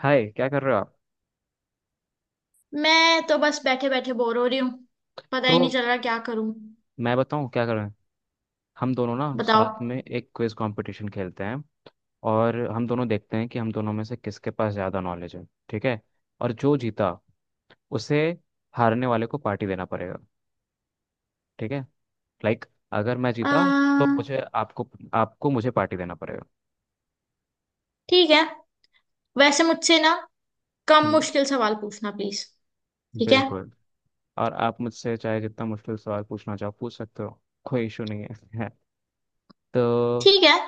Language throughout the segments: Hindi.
हाय, क्या कर रहे हो आप। मैं तो बस बैठे बैठे बोर हो रही हूँ। पता ही नहीं तो चल रहा क्या करूं। मैं बताऊं क्या कर रहे हैं। हम दोनों ना बताओ। साथ में एक क्विज कंपटीशन खेलते हैं। और हम दोनों देखते हैं कि हम दोनों में से किसके पास ज़्यादा नॉलेज है। ठीक है। और जो जीता उसे हारने वाले को पार्टी देना पड़ेगा। ठीक है। लाइक अगर मैं जीता तो आ, मुझे आपको आपको मुझे पार्टी देना पड़ेगा। ठीक है। वैसे मुझसे ना कम हम्म। मुश्किल सवाल पूछना प्लीज। ठीक है। बिल्कुल। और आप मुझसे चाहे जितना मुश्किल सवाल पूछना चाहो पूछ सकते हो। कोई इशू नहीं है। तो ठीक है।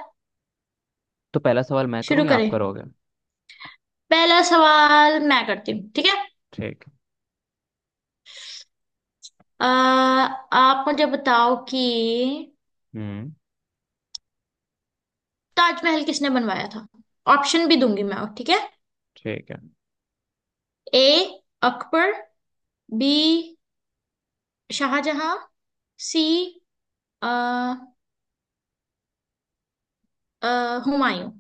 तो पहला सवाल मैं करूँ शुरू या आप करें। करोगे? पहला सवाल मैं करती हूँ ठीक है। ठीक। आ, आप मुझे बताओ कि हम्म। ताजमहल किसने बनवाया था। ऑप्शन भी दूंगी मैं ठीक है। ठीक है। A, Akbar. B, Shahjahan. C, आ, हुमायूं।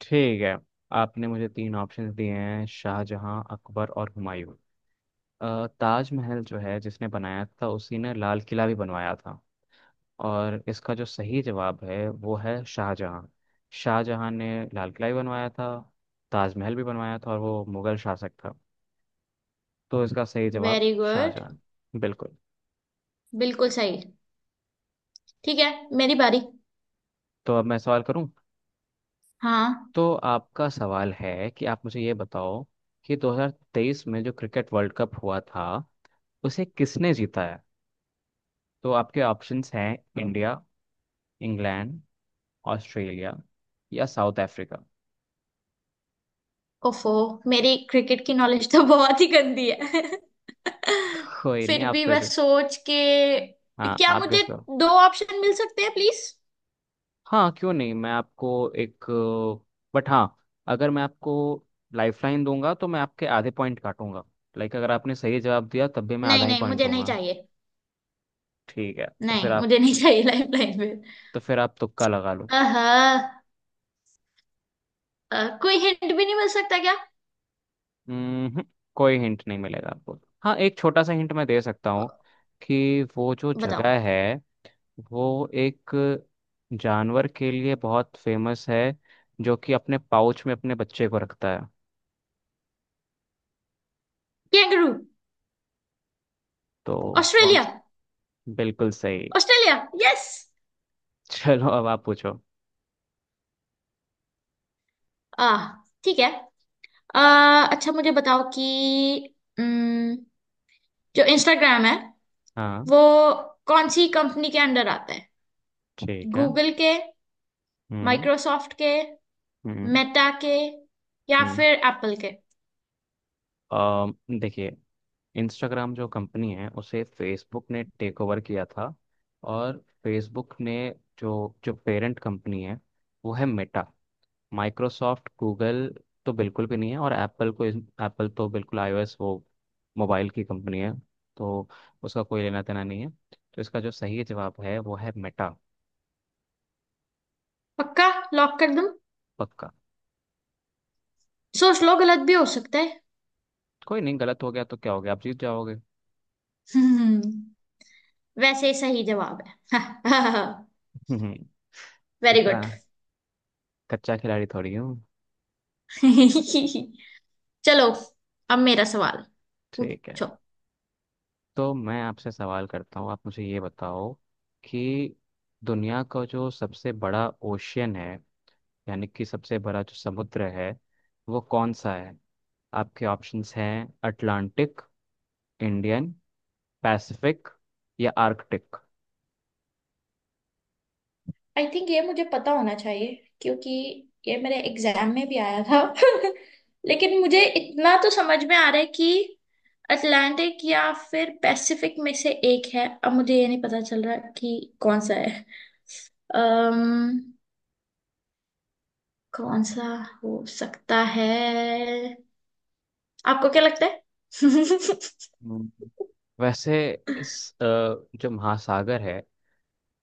ठीक है, आपने मुझे तीन ऑप्शंस दिए हैं, शाहजहां, अकबर और हुमायूं। ताजमहल जो है जिसने बनाया था उसी ने लाल किला भी बनवाया था। और इसका जो सही जवाब है वो है शाहजहां। शाहजहां ने लाल किला भी बनवाया था, ताजमहल भी बनवाया था और वो मुगल शासक था। तो इसका सही जवाब वेरी गुड। शाहजहां, बिल्कुल। बिल्कुल सही। ठीक है। मेरी बारी। तो अब मैं सवाल करूं। हाँ। तो आपका सवाल है कि आप मुझे ये बताओ कि 2023 में जो क्रिकेट वर्ल्ड कप हुआ था उसे किसने जीता है। तो आपके ऑप्शंस हैं, इंडिया, इंग्लैंड, ऑस्ट्रेलिया या साउथ अफ्रीका। ओफो, मेरी क्रिकेट की नॉलेज तो बहुत ही गंदी है। कोई नहीं, फिर आप भी फिर भी। बस सोच के। हाँ, क्या आप मुझे गेस करो। दो ऑप्शन मिल सकते हैं प्लीज। हाँ, क्यों नहीं, मैं आपको एक, बट हाँ, अगर मैं आपको लाइफलाइन दूंगा तो मैं आपके आधे पॉइंट काटूंगा। लाइक अगर आपने सही जवाब दिया तब भी मैं आधा नहीं ही नहीं, पॉइंट मुझे नहीं दूंगा। चाहिए। ठीक है, नहीं, मुझे नहीं चाहिए लाइफ लाइन में। तो फिर आप तुक्का लगा लो। आहा, कोई हिंट भी नहीं मिल सकता क्या। हम्म। कोई हिंट नहीं मिलेगा आपको। हाँ, एक छोटा सा हिंट मैं दे सकता अ, हूँ कि वो जो बताओ। जगह है वो एक जानवर के लिए बहुत फेमस है जो कि अपने पाउच में अपने बच्चे को रखता है। कैंगरू। तो कौन? ऑस्ट्रेलिया। बिल्कुल सही। ऑस्ट्रेलिया। यस। चलो अब आप पूछो। आ ठीक है। अच्छा मुझे बताओ कि अम, जो इंस्टाग्राम है हाँ। वो कौन सी कंपनी के अंडर आता है। ठीक है। गूगल के। हम्म। माइक्रोसॉफ्ट के। हम्म। मेटा के। या हम्म। फिर एप्पल के। अम, देखिए, इंस्टाग्राम जो कंपनी है उसे फेसबुक ने टेक ओवर किया था। और फेसबुक ने जो जो पेरेंट कंपनी है वो है मेटा। माइक्रोसॉफ्ट, गूगल तो बिल्कुल भी नहीं है। और एप्पल को, एप्पल तो बिल्कुल आईओएस, वो मोबाइल की कंपनी है। तो उसका कोई लेना देना नहीं है। तो इसका जो सही जवाब है वो है मेटा। पक्का। लॉक कर दूं। पक्का। सोच लो गलत भी हो सकता है। कोई नहीं, गलत हो गया तो क्या हो गया, आप जीत जाओगे। हम्म। वैसे सही जवाब है। हम्म। वेरी इतना गुड। कच्चा खिलाड़ी थोड़ी हूँ। चलो अब मेरा सवाल ठीक है, पूछो। तो मैं आपसे सवाल करता हूँ। आप मुझे ये बताओ कि दुनिया का जो सबसे बड़ा ओशियन है, यानी कि सबसे बड़ा जो समुद्र है, वो कौन सा है। आपके ऑप्शंस हैं, अटलांटिक, इंडियन, पैसिफिक या आर्कटिक। आई थिंक ये मुझे पता होना चाहिए, क्योंकि ये मेरे एग्जाम में भी आया था। लेकिन मुझे इतना तो समझ में आ रहा है कि अटलांटिक या फिर पैसिफिक में से एक है। अब मुझे ये नहीं पता चल रहा कि कौन सा है। अम्म कौन सा हो सकता है। आपको क्या लगता है। हम्म। वैसे इस अ, जो महासागर है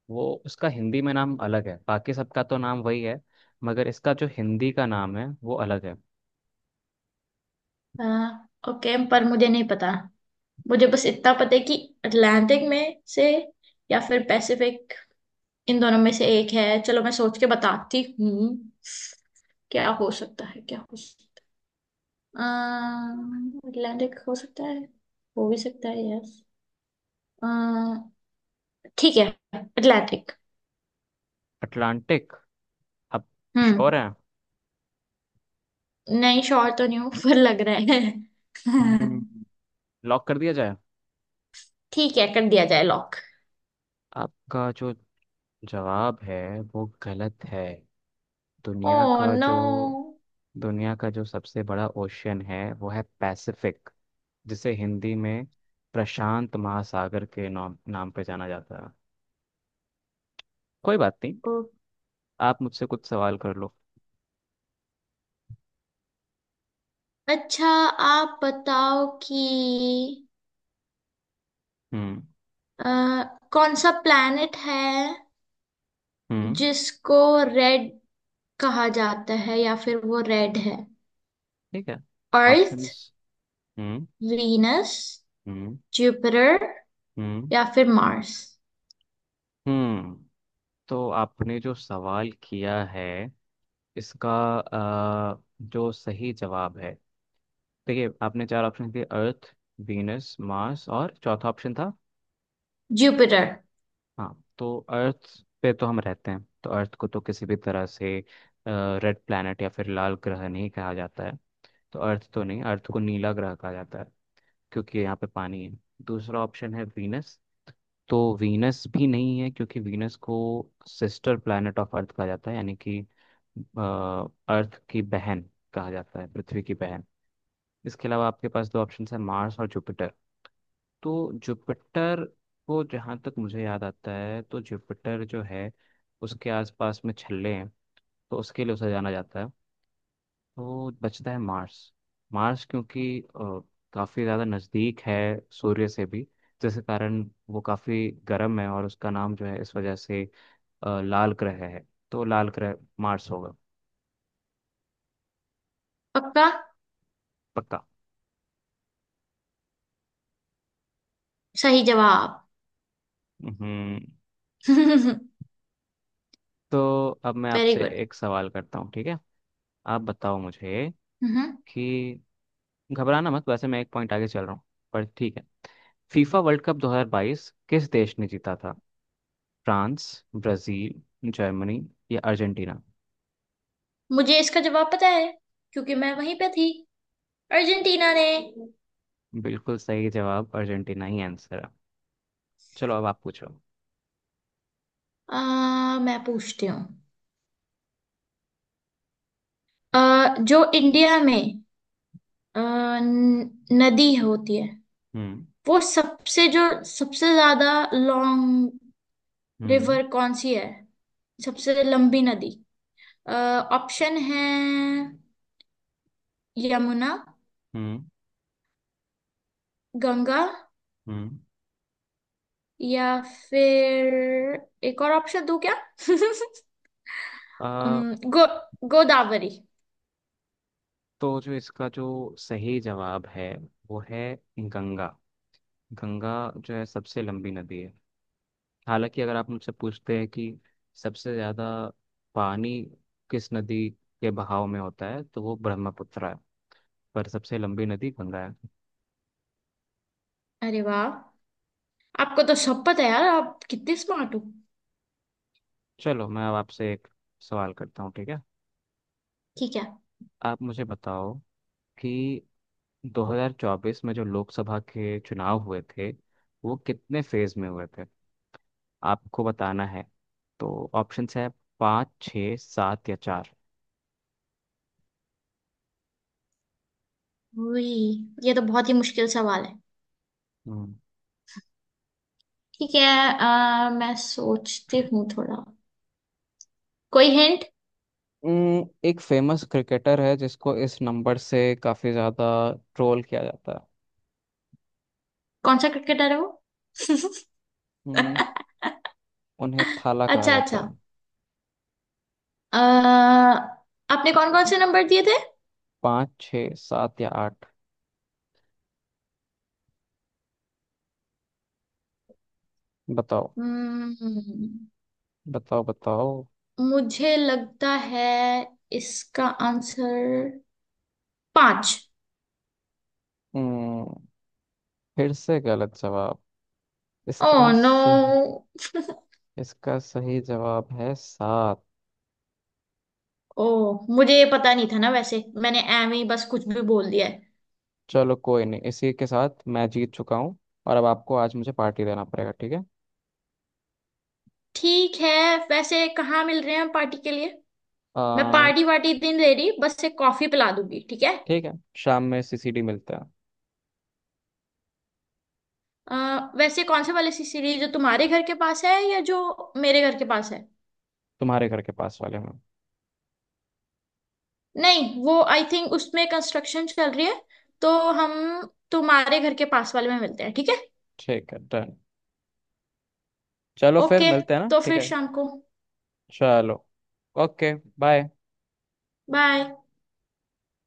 वो उसका हिंदी में नाम अलग है, बाकी सबका तो नाम वही है। मगर इसका जो हिंदी का नाम है वो अलग है। हाँ ओके, पर मुझे नहीं पता। मुझे बस इतना पता है कि अटलांटिक में से या फिर पैसिफिक, इन दोनों में से एक है। चलो मैं सोच के बताती हूँ। क्या हो सकता है, क्या हो सकता है। अटलांटिक हो सकता है। हो भी सकता है। यस। ठीक है। अटलांटिक। अटलांटिक? आप हम्म। श्योर हैं? नहीं, श्योर तो नहीं हूँ पर लग रहा है। लॉक कर दिया जाए? ठीक है, कर दिया जाए लॉक। आपका जो जवाब है वो गलत है। ओ दुनिया का नो। जो दुनिया का जो सबसे बड़ा ओशियन है वो है पैसिफिक। जिसे हिंदी में प्रशांत महासागर के नाम नाम पे जाना जाता है। कोई बात नहीं, आप मुझसे कुछ सवाल कर लो। अच्छा आप बताओ कि हम्म। अ, कौन सा प्लैनेट है हम्म। जिसको रेड कहा जाता है, या फिर वो रेड है। ठीक है। अर्थ। ऑप्शंस। हम्म। वीनस। हम्म। जुपिटर। हम्म। या फिर मार्स। हम्म। तो आपने जो सवाल किया है इसका जो सही जवाब है, देखिए आपने चार ऑप्शन दिए, अर्थ, वीनस, मार्स और चौथा ऑप्शन था, जुपिटर। हाँ, तो अर्थ पे तो हम रहते हैं, तो अर्थ को तो किसी भी तरह से रेड प्लैनेट या फिर लाल ग्रह नहीं कहा जाता है। तो अर्थ तो नहीं, अर्थ को नीला ग्रह कहा जाता है, क्योंकि यहाँ पे पानी है। दूसरा ऑप्शन है वीनस। तो वीनस भी नहीं है, क्योंकि वीनस को सिस्टर प्लैनेट ऑफ अर्थ कहा जाता है, यानी कि अर्थ की बहन कहा जाता है, पृथ्वी की बहन। इसके अलावा आपके पास दो ऑप्शन है, मार्स और जुपिटर। तो जुपिटर को जहाँ तक मुझे याद आता है, तो जुपिटर जो है उसके आसपास में छल्ले हैं। तो उसके लिए उसे जाना जाता है। तो बचता है मार्स। मार्स, क्योंकि काफ़ी ज़्यादा नज़दीक है, सूर्य से भी, जिस कारण वो काफ़ी गर्म है और उसका नाम जो है इस वजह से लाल ग्रह है। तो लाल ग्रह मार्स होगा। पक्का। पक्का। सही जवाब। हम्म। तो अब मैं वेरी आपसे गुड। एक सवाल करता हूँ। ठीक है, आप बताओ मुझे हम्म। कि, घबराना मत, वैसे मैं एक पॉइंट आगे चल रहा हूँ, पर ठीक है, फीफा वर्ल्ड कप 2022 किस देश ने जीता था? फ्रांस, ब्राजील, जर्मनी या अर्जेंटीना? मुझे इसका जवाब पता है, क्योंकि मैं वहीं पे थी। अर्जेंटीना ने। बिल्कुल सही जवाब, अर्जेंटीना ही आंसर है। चलो अब आप पूछो। मैं पूछती हूँ। जो इंडिया में अ, न- नदी होती है, हम्म। वो सबसे जो सबसे ज्यादा लॉन्ग हम्म। रिवर कौन सी है। सबसे लंबी नदी। ऑप्शन है। यमुना। हम्म। गंगा। हम्म। या फिर एक और ऑप्शन दूं क्या। अम, अ, गो गोदावरी। तो जो इसका जो सही जवाब है वो है गंगा। गंगा जो है सबसे लंबी नदी है। हालांकि अगर आप मुझसे पूछते हैं कि सबसे ज़्यादा पानी किस नदी के बहाव में होता है, तो वो ब्रह्मपुत्र है। पर सबसे लंबी नदी गंगा है। अरे वाह, आपको तो सब पता है यार। आप कितने स्मार्ट हो। चलो मैं अब आपसे एक सवाल करता हूँ। ठीक है, ठीक है। आप मुझे बताओ कि 2024 में जो लोकसभा के चुनाव हुए थे वो कितने फेज में हुए थे। आपको बताना है, तो ऑप्शंस है, पाँच, छः, सात या चार। वही, ये तो बहुत ही मुश्किल सवाल है। ठीक है। मैं सोचती हूँ थोड़ा। कोई हिंट। एक फेमस क्रिकेटर है जिसको इस नंबर से काफी ज्यादा ट्रोल किया जाता है। कौन सा क्रिकेटर है वो। उम, उन्हें थाला कहा अच्छा अच्छा। जाता है। अ, आपने कौन कौन से नंबर दिए थे। पाँच, छः, सात या आठ? बताओ, हम्म। बताओ, बताओ। मुझे लगता है इसका आंसर पांच। उम, फिर से गलत जवाब। ओ इसका नो। सही इसका सही जवाब है सात। ओ, मुझे ये पता नहीं था ना। वैसे मैंने एम ही बस कुछ भी बोल दिया है। चलो कोई नहीं, इसी के साथ मैं जीत चुका हूँ। और अब आपको आज मुझे पार्टी देना पड़ेगा, ठीक है। ठीक है। वैसे कहाँ मिल रहे हैं हम पार्टी के लिए। मैं आ, पार्टी वार्टी दिन दे रही, बस से कॉफी पिला दूंगी ठीक है। ठीक है, शाम में सीसीडी मिलता है। अ, वैसे कौन से वाले सी सीढ़ी, जो तुम्हारे घर के पास है या जो मेरे घर के पास है। तुम्हारे घर के पास वाले में। नहीं वो आई थिंक उसमें कंस्ट्रक्शन चल रही है। तो हम तुम्हारे घर के पास वाले में मिलते हैं ठीक है। ठीक है, डन। चलो फिर ओके। मिलते हैं ना, तो ठीक फिर है। शाम को। चलो। ओके। बाय। बाय।